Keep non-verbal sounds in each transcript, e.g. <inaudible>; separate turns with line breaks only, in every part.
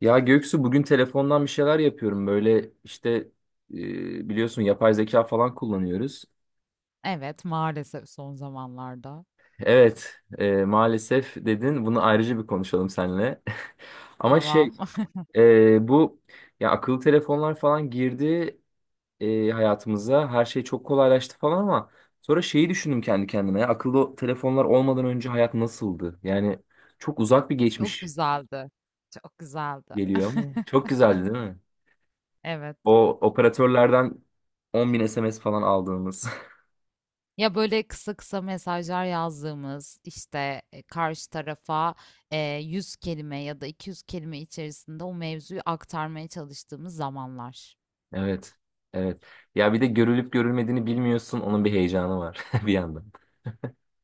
Ya Göksu, bugün telefondan bir şeyler yapıyorum böyle işte, biliyorsun yapay zeka falan kullanıyoruz.
Evet, maalesef son zamanlarda.
Evet, maalesef dedin, bunu ayrıca bir konuşalım seninle. <laughs> Ama şey,
Tamam. <laughs> Çok
bu, ya akıllı telefonlar falan girdi hayatımıza, her şey çok kolaylaştı falan ama sonra şeyi düşündüm kendi kendime, ya akıllı telefonlar olmadan önce hayat nasıldı? Yani çok uzak bir geçmiş
güzeldi. Çok güzeldi.
geliyor ama çok
<laughs>
güzeldi, değil mi?
Evet.
O operatörlerden 10 bin SMS falan aldığımız. <laughs>
Ya böyle kısa kısa mesajlar yazdığımız işte karşı tarafa e, 100 kelime ya da 200 kelime içerisinde o mevzuyu aktarmaya çalıştığımız zamanlar.
Evet. Evet. Ya bir de görülüp görülmediğini bilmiyorsun. Onun bir heyecanı var <laughs> bir yandan.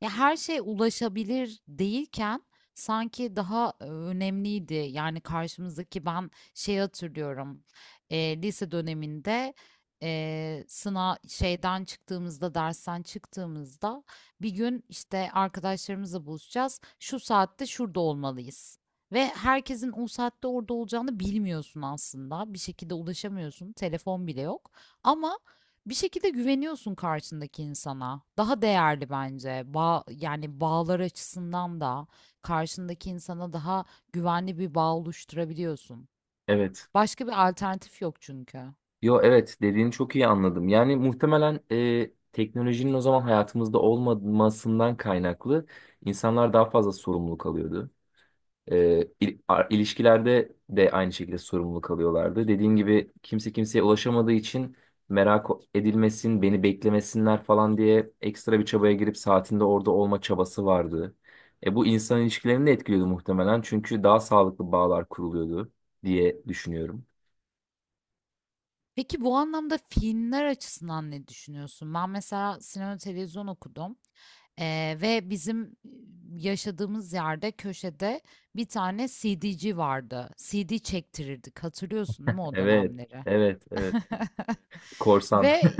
Ya her şey ulaşabilir değilken sanki daha önemliydi. Yani karşımızdaki ben şey hatırlıyorum. Lise döneminde sınav şeyden çıktığımızda dersten çıktığımızda bir gün işte arkadaşlarımızla buluşacağız. Şu saatte şurada olmalıyız. Ve herkesin o saatte orada olacağını bilmiyorsun aslında. Bir şekilde ulaşamıyorsun. Telefon bile yok. Ama bir şekilde güveniyorsun karşındaki insana. Daha değerli bence. Yani bağlar açısından da karşındaki insana daha güvenli bir bağ oluşturabiliyorsun.
Evet.
Başka bir alternatif yok çünkü.
Yo, evet, dediğini çok iyi anladım. Yani muhtemelen teknolojinin o zaman hayatımızda olmamasından kaynaklı insanlar daha fazla sorumluluk alıyordu. İlişkilerde de aynı şekilde sorumlu kalıyorlardı. Dediğim gibi kimse kimseye ulaşamadığı için merak edilmesin, beni beklemesinler falan diye ekstra bir çabaya girip saatinde orada olma çabası vardı. Bu insan ilişkilerini de etkiliyordu muhtemelen, çünkü daha sağlıklı bağlar kuruluyordu diye düşünüyorum.
Peki bu anlamda filmler açısından ne düşünüyorsun? Ben mesela sinema televizyon okudum. Ve bizim yaşadığımız yerde köşede bir tane CD'ci vardı. CD çektirirdik. Hatırlıyorsun değil mi o
Evet,
dönemleri?
evet, evet.
<laughs>
Korsan. <laughs>
Ve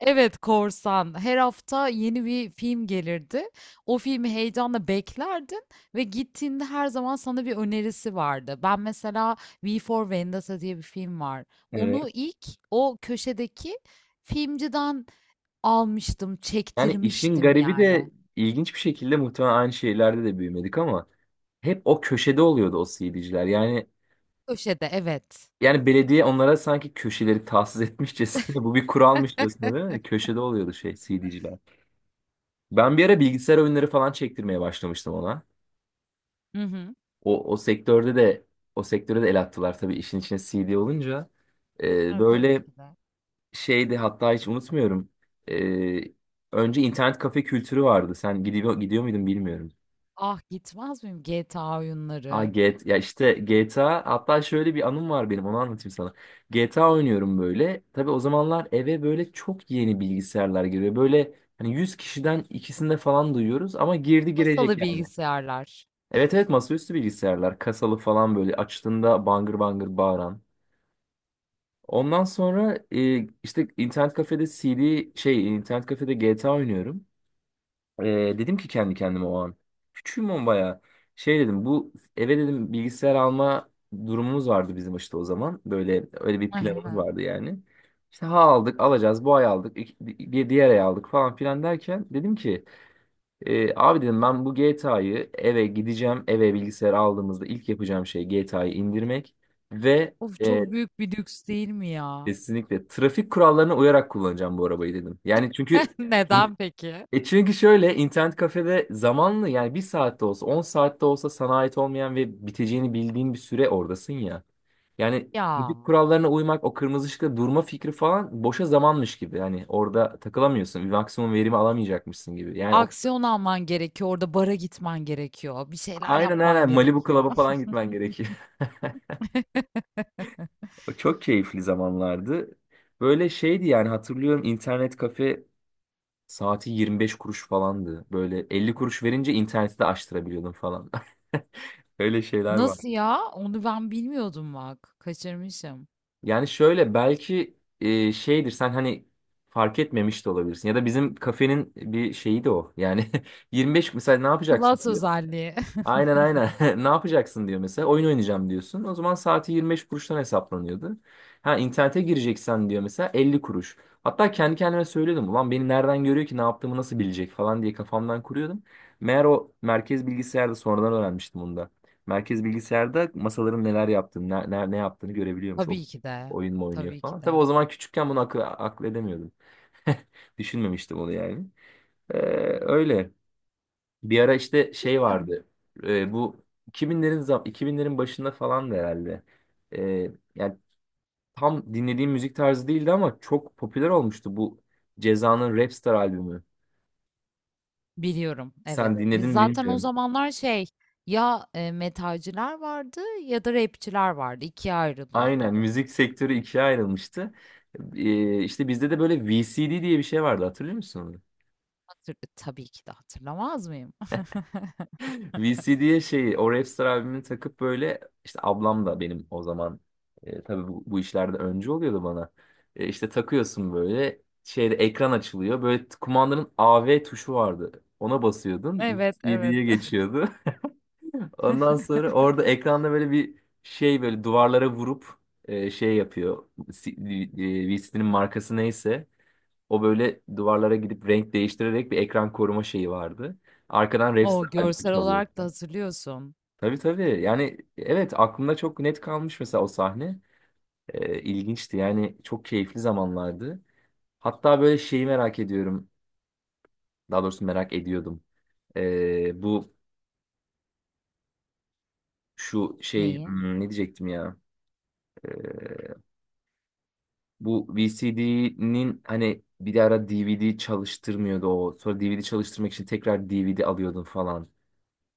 Evet, korsan. Her hafta yeni bir film gelirdi. O filmi heyecanla beklerdin ve gittiğinde her zaman sana bir önerisi vardı. Ben mesela V for Vendetta diye bir film var.
Evet.
Onu ilk o köşedeki filmciden almıştım,
Yani işin
çektirmiştim
garibi
yani.
de ilginç bir şekilde, muhtemelen aynı şeylerde de büyümedik ama hep o köşede oluyordu o CD'ciler. Yani
Köşede, evet.
Yani belediye onlara sanki köşeleri tahsis etmişçesine, <laughs> bu bir kuralmışçasına, değil mi? Köşede oluyordu şey CD'ciler. Ben bir ara bilgisayar oyunları falan çektirmeye başlamıştım ona.
Hı hı.
O sektörde de, o sektöre de el attılar tabii, işin içine CD olunca.
Ha, tabii
Böyle
ki de.
şeydi, hatta hiç unutmuyorum. Ee, Önce internet kafe kültürü vardı. Sen gidiyor muydun bilmiyorum.
Ah gitmez miyim GTA
Aa,
oyunları?
G- T A, Ya işte GTA, hatta şöyle bir anım var benim, onu anlatayım sana. GTA oynuyorum böyle. Tabii o zamanlar eve böyle çok yeni bilgisayarlar giriyor. Böyle hani 100 kişiden ikisinde falan duyuyoruz ama girdi girecek
Masalı
yani.
bilgisayarlar.
Evet, evet, masaüstü bilgisayarlar kasalı falan, böyle açtığında bangır bangır bağıran. Ondan sonra işte internet kafede CD, şey, internet kafede GTA oynuyorum. Ee, Dedim ki kendi kendime o an. Küçüğüm ama bayağı. Şey dedim, bu eve dedim bilgisayar alma durumumuz vardı bizim işte o zaman. Böyle öyle bir planımız
<laughs>
vardı yani. İşte ha aldık, alacağız, bu ay aldık, bir diğer ay aldık falan filan derken dedim ki, abi dedim, ben bu GTA'yı, eve gideceğim, eve bilgisayar aldığımızda ilk yapacağım şey GTA'yı indirmek ve
Of,
e,
çok büyük bir lüks değil mi ya?
kesinlikle trafik kurallarına uyarak kullanacağım bu arabayı dedim. Yani çünkü,
<laughs> Neden peki?
şöyle, internet kafede zamanlı, yani bir saatte olsa, 10 saatte olsa, sana ait olmayan ve biteceğini bildiğin bir süre oradasın ya. Yani
Ya,
trafik kurallarına uymak, o kırmızı ışıkta durma fikri falan boşa zamanmış gibi. Yani orada takılamıyorsun, bir maksimum verimi alamayacakmışsın gibi. Yani o,
aksiyon alman gerekiyor. Orada bara gitmen gerekiyor. Bir şeyler
aynen
yapman
aynen Malibu Club'a
gerekiyor. <laughs>
falan gitmen gerekiyor. <laughs> O çok keyifli zamanlardı. Böyle şeydi yani, hatırlıyorum internet kafe saati 25 kuruş falandı. Böyle 50 kuruş verince interneti de açtırabiliyordun falan. <laughs> Öyle şeyler var.
Nasıl ya? Onu ben bilmiyordum bak. Kaçırmışım.
Yani şöyle, belki şeydir, sen hani fark etmemiş de olabilirsin, ya da bizim kafenin bir şeyi de o. Yani <laughs> 25, mesela ne yapacaksın?
Plus özelliği. <laughs>
Aynen aynen. <laughs> Ne yapacaksın diyor mesela. Oyun oynayacağım diyorsun. O zaman saati 25 kuruştan hesaplanıyordu. Ha internete gireceksen diyor mesela 50 kuruş. Hatta kendi kendime söylüyordum. Ulan, beni nereden görüyor ki, ne yaptığımı nasıl bilecek falan diye kafamdan kuruyordum. Meğer o merkez bilgisayarda, sonradan öğrenmiştim onu da. Merkez bilgisayarda masaların neler yaptığını, ne yaptığını görebiliyormuş. O
Tabii ki de.
oyun mu oynuyor
Tabii ki
falan. Tabii o
de.
zaman küçükken bunu akıl edemiyordum. <laughs> Düşünmemiştim onu yani. Ee, Öyle. Bir ara işte şey
Biliyorum.
vardı. Bu 2000'lerin başında falan, herhalde. Yani tam dinlediğim müzik tarzı değildi ama çok popüler olmuştu bu Ceza'nın Rapstar albümü.
Biliyorum.
Sen,
Evet.
evet, dinledin mi
Zaten o
bilmiyorum.
zamanlar şey, ya metalciler vardı ya da rapçiler vardı. İkiye ayrılıyordu.
Aynen, müzik sektörü ikiye ayrılmıştı. İşte bizde de böyle VCD diye bir şey vardı, hatırlıyor musun onu?
Tabii ki de hatırlamaz mıyım? <laughs>
VCD'ye şeyi, o Rapstar albümünü takıp böyle, işte ablam da benim o zaman, tabii bu işlerde önce oluyordu bana. İşte takıyorsun, böyle şeyde ekran açılıyor. Böyle, kumandanın AV tuşu vardı. Ona basıyordun.
Evet, evet.
VCD'ye geçiyordu. <laughs> Ondan sonra
<laughs>
orada ekranda böyle bir şey, böyle duvarlara vurup şey yapıyor. VCD'nin markası neyse, o böyle duvarlara gidip renk değiştirerek bir ekran koruma şeyi vardı. Arkadan Rapstar
O,
albümü
görsel
çalıyor.
olarak da hazırlıyorsun.
Tabii tabii. Yani evet, aklımda çok net kalmış mesela o sahne. İlginçti. Yani çok keyifli zamanlardı. Hatta böyle şeyi merak ediyorum. Daha doğrusu merak ediyordum. Bu şu şey,
Neyi?
ne diyecektim ya? Ee, Bu VCD'nin hani bir ara DVD çalıştırmıyordu o. Sonra DVD çalıştırmak için tekrar DVD alıyordun falan.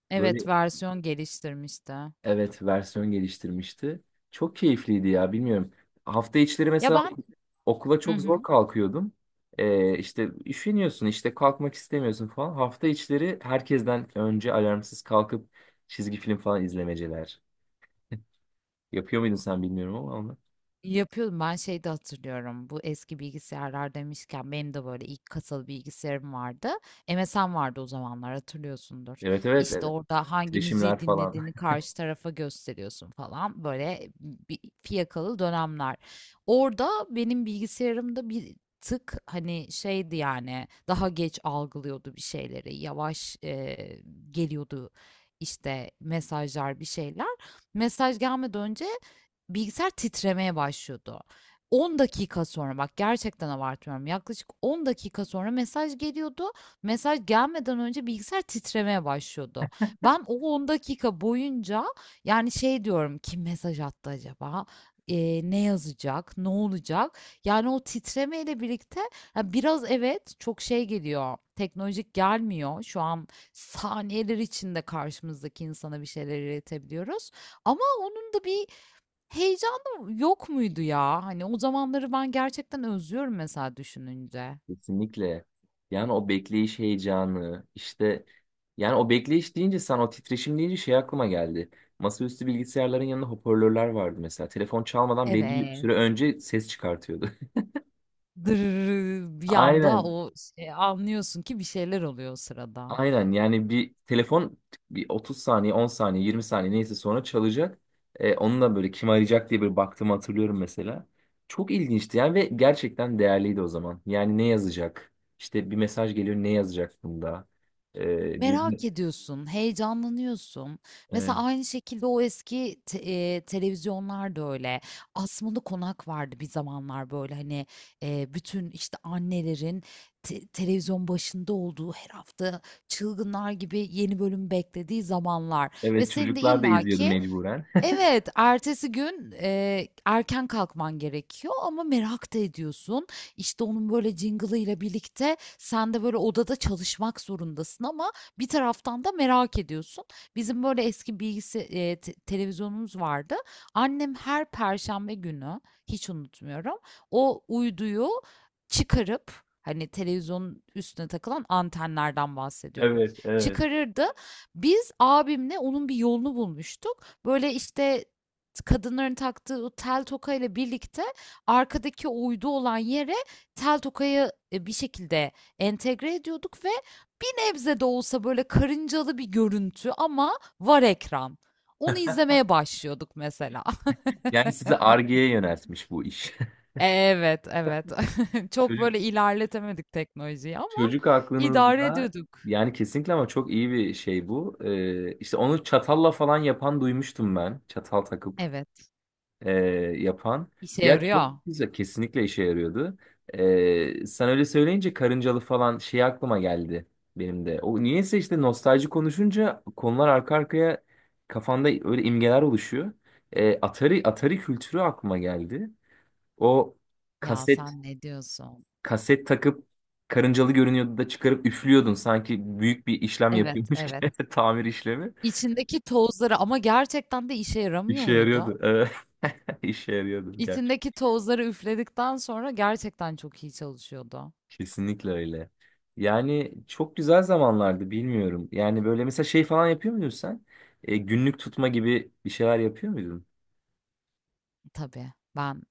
Evet,
Böyle.
versiyon geliştirmişti.
Evet, versiyon geliştirmişti. Çok keyifliydi ya, bilmiyorum. Hafta içleri
Ya
mesela
ben
okula
Hı
çok zor
hı.
kalkıyordum. İşte üşeniyorsun, işte kalkmak istemiyorsun falan. Hafta içleri herkesten önce alarmsız kalkıp çizgi film falan izlemeceler. Yapıyor muydun sen bilmiyorum ama onu.
Yapıyordum. Ben şey de hatırlıyorum. Bu eski bilgisayarlar demişken benim de böyle ilk kasalı bilgisayarım vardı. MSN vardı o zamanlar hatırlıyorsundur.
Evet, evet,
İşte
evet.
orada hangi
Titreşimler
müziği
falan.
dinlediğini
<laughs>
karşı tarafa gösteriyorsun falan. Böyle bir fiyakalı dönemler. Orada benim bilgisayarımda bir tık hani şeydi, yani daha geç algılıyordu bir şeyleri. Yavaş geliyordu işte mesajlar, bir şeyler. Mesaj gelmeden önce bilgisayar titremeye başlıyordu. 10 dakika sonra bak, gerçekten abartmıyorum. Yaklaşık 10 dakika sonra mesaj geliyordu. Mesaj gelmeden önce bilgisayar titremeye başlıyordu. Ben o 10 dakika boyunca yani şey diyorum, kim mesaj attı acaba? Ne yazacak? Ne olacak? Yani o titremeyle birlikte, ya biraz evet, çok şey geliyor. Teknolojik gelmiyor. Şu an saniyeler içinde karşımızdaki insana bir şeyler iletebiliyoruz. Ama onun da bir heyecanı yok muydu ya? Hani o zamanları ben gerçekten özlüyorum mesela düşününce.
Kesinlikle. Yani o bekleyiş heyecanı işte, yani o bekleyiş deyince, sen o titreşim deyince şey aklıma geldi. Masaüstü bilgisayarların yanında hoparlörler vardı mesela. Telefon çalmadan belli bir
Evet.
süre önce ses çıkartıyordu.
Dırırı
<laughs>
bir anda,
Aynen.
o şey, anlıyorsun ki bir şeyler oluyor o sırada.
Aynen, yani bir telefon bir 30 saniye, 10 saniye, 20 saniye neyse sonra çalacak. Onunla böyle, kim arayacak diye bir baktığımı hatırlıyorum mesela. Çok ilginçti yani, ve gerçekten değerliydi o zaman. Yani ne yazacak? İşte bir mesaj geliyor, ne yazacak bunda? E, bir
Merak ediyorsun, heyecanlanıyorsun.
Evet.
Mesela aynı şekilde o eski te televizyonlar da öyle. Asmalı Konak vardı bir zamanlar, böyle hani, bütün, işte, annelerin televizyon başında olduğu, her hafta çılgınlar gibi yeni bölüm beklediği zamanlar ve
Evet,
senin de
çocuklar da izliyordu
illaki,
mecburen. <laughs>
evet, ertesi gün, erken kalkman gerekiyor ama merak da ediyorsun. İşte, onun böyle jingle'ıyla birlikte sen de böyle odada çalışmak zorundasın ama bir taraftan da merak ediyorsun. Bizim böyle eski bilgisi te televizyonumuz vardı. Annem her perşembe günü, hiç unutmuyorum, o uyduyu çıkarıp, hani, televizyonun üstüne takılan antenlerden bahsediyorum,
Evet, evet.
çıkarırdı. Biz abimle onun bir yolunu bulmuştuk. Böyle, işte, kadınların taktığı o tel tokayla birlikte arkadaki o uydu olan yere tel tokayı, bir şekilde entegre ediyorduk ve bir nebze de olsa, böyle, karıncalı bir görüntü ama var ekran. Onu izlemeye başlıyorduk mesela. <laughs>
Yani sizi Ar-Ge'ye yöneltmiş bu iş.
Evet, evet. <laughs>
<laughs>
Çok,
Çocuk,
böyle, ilerletemedik teknolojiyi ama
çocuk
idare
aklınızda
ediyorduk.
yani, kesinlikle, ama çok iyi bir şey bu. İşte onu çatalla falan yapan duymuştum ben. Çatal takıp,
Evet.
e, yapan.
İşe
Ya çok
yarıyor.
güzel, kesinlikle işe yarıyordu. Sen öyle söyleyince karıncalı falan şey aklıma geldi benim de. O niyeyse, işte nostalji konuşunca konular arka arkaya kafanda öyle imgeler oluşuyor. Atari kültürü aklıma geldi. O
Ya,
kaset
sen ne diyorsun?
kaset takıp karıncalı görünüyordu da çıkarıp üflüyordun, sanki büyük bir işlem
Evet,
yapıyormuş
evet.
gibi <laughs> tamir işlemi.
İçindeki tozları, ama gerçekten de işe yaramıyor
İşe
muydu?
yarıyordu. Evet. <laughs> İşe yarıyordu.
İçindeki tozları üfledikten sonra gerçekten çok iyi çalışıyordu.
Kesinlikle öyle. Yani çok güzel zamanlardı, bilmiyorum. Yani böyle mesela şey falan yapıyor muydun sen? Günlük tutma gibi bir şeyler yapıyor muydun?
Tabii, ben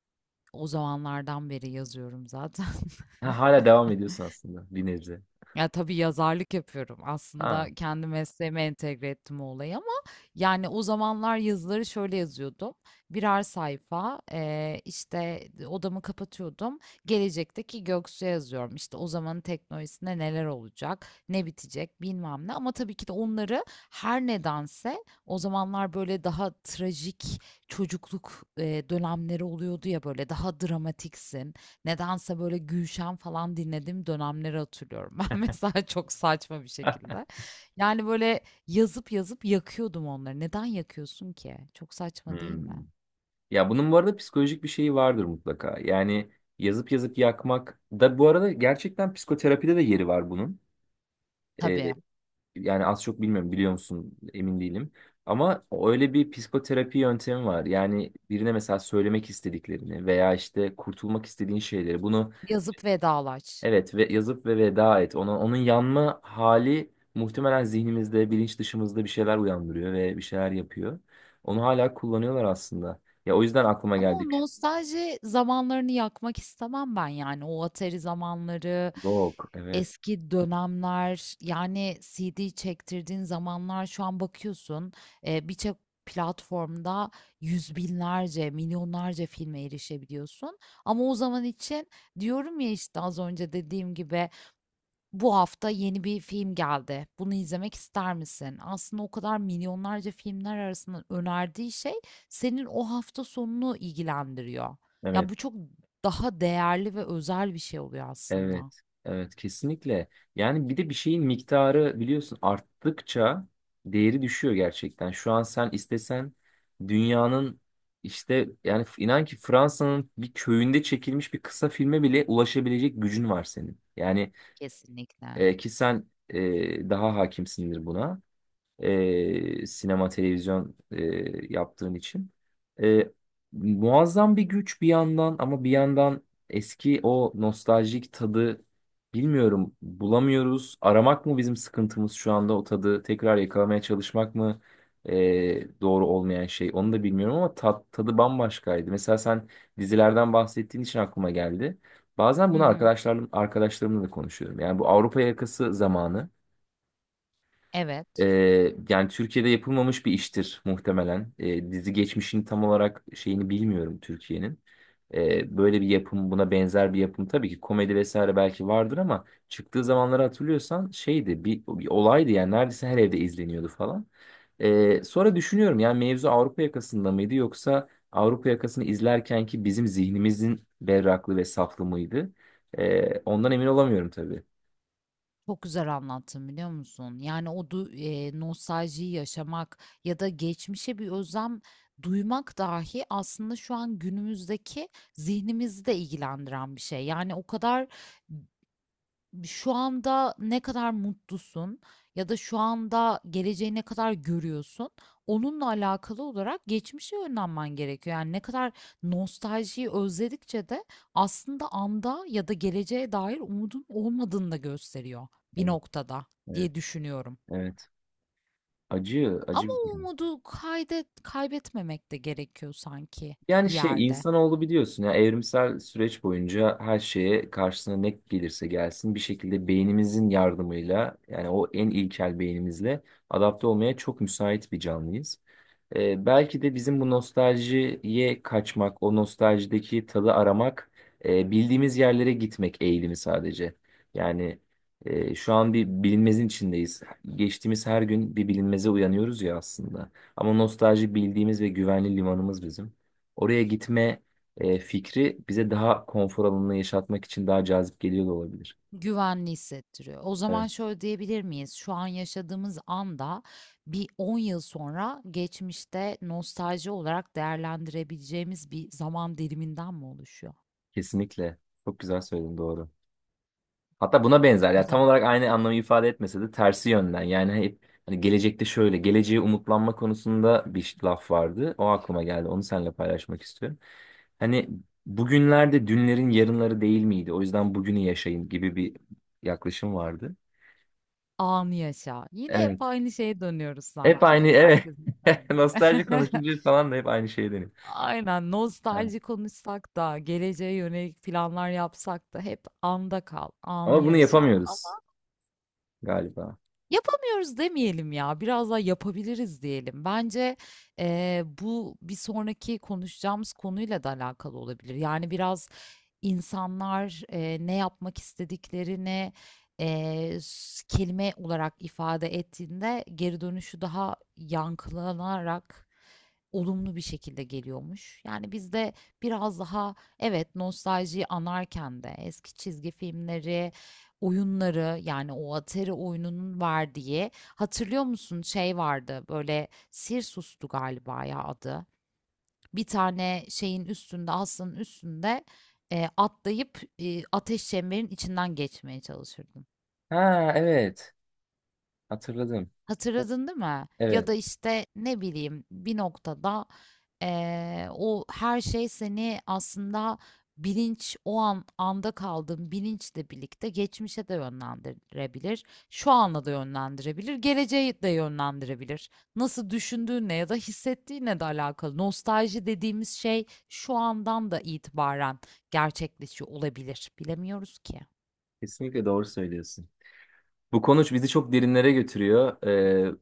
o zamanlardan beri yazıyorum zaten. <laughs>
Ha, hala devam ediyorsun aslında bir nebze.
Ya tabii, yazarlık yapıyorum. Aslında
Ha.
kendi mesleğime entegre ettim o olayı ama yani o zamanlar yazıları şöyle yazıyordum. Birer sayfa, işte odamı kapatıyordum. Gelecekteki Göksu'ya yazıyorum. İşte o zamanın teknolojisinde neler olacak, ne bitecek, bilmem ne. Ama tabii ki de onları, her nedense o zamanlar böyle daha trajik çocukluk dönemleri oluyordu ya, böyle daha dramatiksin. Nedense böyle Gülşen falan dinlediğim dönemleri hatırlıyorum <laughs> ben mesela, çok saçma bir
<laughs>
şekilde. Yani, böyle, yazıp yazıp yakıyordum onları. Neden yakıyorsun ki? Çok saçma değil
Hmm.
mi?
Ya bunun bu arada psikolojik bir şeyi vardır mutlaka. Yani yazıp yazıp yakmak da bu arada gerçekten psikoterapide de yeri var bunun. E,
Tabii,
Yani az çok bilmiyorum, biliyor musun, emin değilim. Ama öyle bir psikoterapi yöntemi var. Yani birine mesela söylemek istediklerini veya işte kurtulmak istediğin şeyleri, bunu
yazıp vedalaş.
evet ve yazıp veda et. Onun yanma hali muhtemelen zihnimizde, bilinç dışımızda bir şeyler uyandırıyor ve bir şeyler yapıyor. Onu hala kullanıyorlar aslında. Ya o yüzden aklıma
Ama o
geldik.
nostalji zamanlarını yakmak istemem ben yani. O Atari zamanları,
Yok, evet.
eski dönemler, yani CD çektirdiğin zamanlar, şu an bakıyorsun birçok platformda yüz binlerce, milyonlarca filme erişebiliyorsun. Ama o zaman için, diyorum ya işte, az önce dediğim gibi, bu hafta yeni bir film geldi. Bunu izlemek ister misin? Aslında o kadar milyonlarca filmler arasında önerdiği şey senin o hafta sonunu ilgilendiriyor. Ya,
Evet.
bu çok daha değerli ve özel bir şey oluyor aslında.
Evet, evet kesinlikle. Yani bir de bir şeyin miktarı biliyorsun arttıkça değeri düşüyor gerçekten. Şu an sen istesen dünyanın, işte, yani inan ki Fransa'nın bir köyünde çekilmiş bir kısa filme bile ulaşabilecek gücün var senin. Yani
Kesinlikle.
ki sen daha hakimsindir buna, sinema televizyon yaptığın için. E, Muazzam bir güç bir yandan, ama bir yandan eski o nostaljik tadı bilmiyorum bulamıyoruz. Aramak mı bizim sıkıntımız şu anda, o tadı tekrar yakalamaya çalışmak mı, doğru olmayan şey, onu da bilmiyorum ama tadı bambaşkaydı. Mesela sen dizilerden bahsettiğin için aklıma geldi. Bazen
Hı
bunu
hı.
arkadaşlarımla da konuşuyorum. Yani bu Avrupa yakası zamanı.
Evet,
Yani Türkiye'de yapılmamış bir iştir muhtemelen. Dizi geçmişini tam olarak şeyini bilmiyorum Türkiye'nin. Böyle bir yapım, buna benzer bir yapım tabii ki komedi vesaire belki vardır, ama çıktığı zamanları hatırlıyorsan şeydi, bir olaydı yani, neredeyse her evde izleniyordu falan. Sonra düşünüyorum, yani mevzu Avrupa yakasında mıydı, yoksa Avrupa yakasını izlerken ki bizim zihnimizin berraklığı ve saflığı mıydı? Ondan emin olamıyorum tabii.
çok güzel anlattın biliyor musun? Yani nostaljiyi yaşamak ya da geçmişe bir özlem duymak dahi aslında şu an günümüzdeki zihnimizi de ilgilendiren bir şey. Yani o kadar. Şu anda ne kadar mutlusun ya da şu anda geleceği ne kadar görüyorsun, onunla alakalı olarak geçmişe yönlenmen gerekiyor. Yani ne kadar nostaljiyi özledikçe de aslında anda ya da geleceğe dair umudun olmadığını da gösteriyor bir
Evet,
noktada
evet,
diye düşünüyorum.
evet. Acı, acı
Ama
bir
o
durum.
umudu kaybetmemek de gerekiyor sanki
Yani
bir
şey,
yerde.
insanoğlu biliyorsun ya, evrimsel süreç boyunca her şeye, karşısına ne gelirse gelsin, bir şekilde beynimizin yardımıyla, yani o en ilkel beynimizle adapte olmaya çok müsait bir canlıyız. Belki de bizim bu nostaljiye kaçmak, o nostaljideki tadı aramak, bildiğimiz yerlere gitmek eğilimi sadece. Yani şu an bir bilinmezin içindeyiz. Geçtiğimiz her gün bir bilinmeze uyanıyoruz ya aslında. Ama nostalji bildiğimiz ve güvenli limanımız bizim. Oraya gitme fikri bize daha konfor alanını yaşatmak için daha cazip geliyor da olabilir.
Güvenli hissettiriyor. O zaman
Evet.
şöyle diyebilir miyiz? Şu an yaşadığımız anda bir 10 yıl sonra geçmişte nostalji olarak değerlendirebileceğimiz bir zaman diliminden mi oluşuyor?
Kesinlikle. Çok güzel söyledin, doğru. Hatta buna benzer,
O
ya tam
zaman
olarak aynı anlamı ifade etmese de tersi yönden. Yani hep, hani gelecekte, şöyle geleceğe umutlanma konusunda bir laf vardı. O aklıma geldi. Onu seninle paylaşmak istiyorum. Hani bugünlerde dünlerin yarınları değil miydi? O yüzden bugünü yaşayın gibi bir yaklaşım vardı.
anı yaşa. Yine hep
Evet.
aynı şeye dönüyoruz
Hep
sanki.
aynı, evet.
Herkesin
<laughs>
döndüğü.
Nostalji
<laughs>
konuşunca falan da hep aynı şey deniyor.
Aynen, nostalji konuşsak da geleceğe yönelik planlar yapsak da hep anda kal, anı
Ama bunu
yaşa.
yapamıyoruz galiba.
Yapamıyoruz demeyelim ya, biraz daha yapabiliriz diyelim. Bence, bu bir sonraki konuşacağımız konuyla da alakalı olabilir. Yani biraz insanlar, ne yapmak istediklerini, s kelime olarak ifade ettiğinde geri dönüşü daha yankılanarak olumlu bir şekilde geliyormuş. Yani biz de biraz daha evet, nostaljiyi anarken de eski çizgi filmleri, oyunları, yani o Atari oyununun verdiği, hatırlıyor musun, şey vardı böyle, Sirsus'tu galiba ya adı. Bir tane şeyin üstünde, aslanın üstünde atlayıp ateş çemberin içinden geçmeye çalışırdın.
Ha evet. Hatırladım.
Hatırladın değil mi? Ya
Evet.
da işte ne bileyim, bir noktada o her şey seni aslında, bilinç, o an anda kaldığın bilinçle birlikte geçmişe de yönlendirebilir, şu ana da yönlendirebilir, geleceğe de yönlendirebilir. Nasıl düşündüğünle ya da hissettiğinle de alakalı. Nostalji dediğimiz şey şu andan da itibaren gerçekleşiyor olabilir. Bilemiyoruz ki.
Kesinlikle doğru söylüyorsun. Bu konuş bizi çok derinlere götürüyor.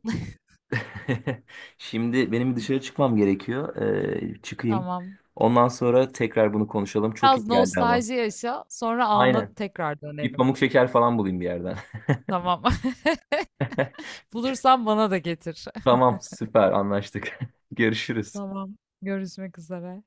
<laughs> Şimdi benim dışarı çıkmam gerekiyor. Çıkayım.
Tamam.
Ondan sonra tekrar bunu konuşalım. Çok iyi
Biraz
geldi ama.
nostalji yaşa, sonra ana
Aynen.
tekrar
Bir
dönelim.
pamuk şeker falan bulayım bir yerden.
Tamam.
<laughs>
<laughs> Bulursan bana da getir. <laughs>
Tamam, süper anlaştık. <laughs> Görüşürüz.
Tamam. Görüşmek üzere.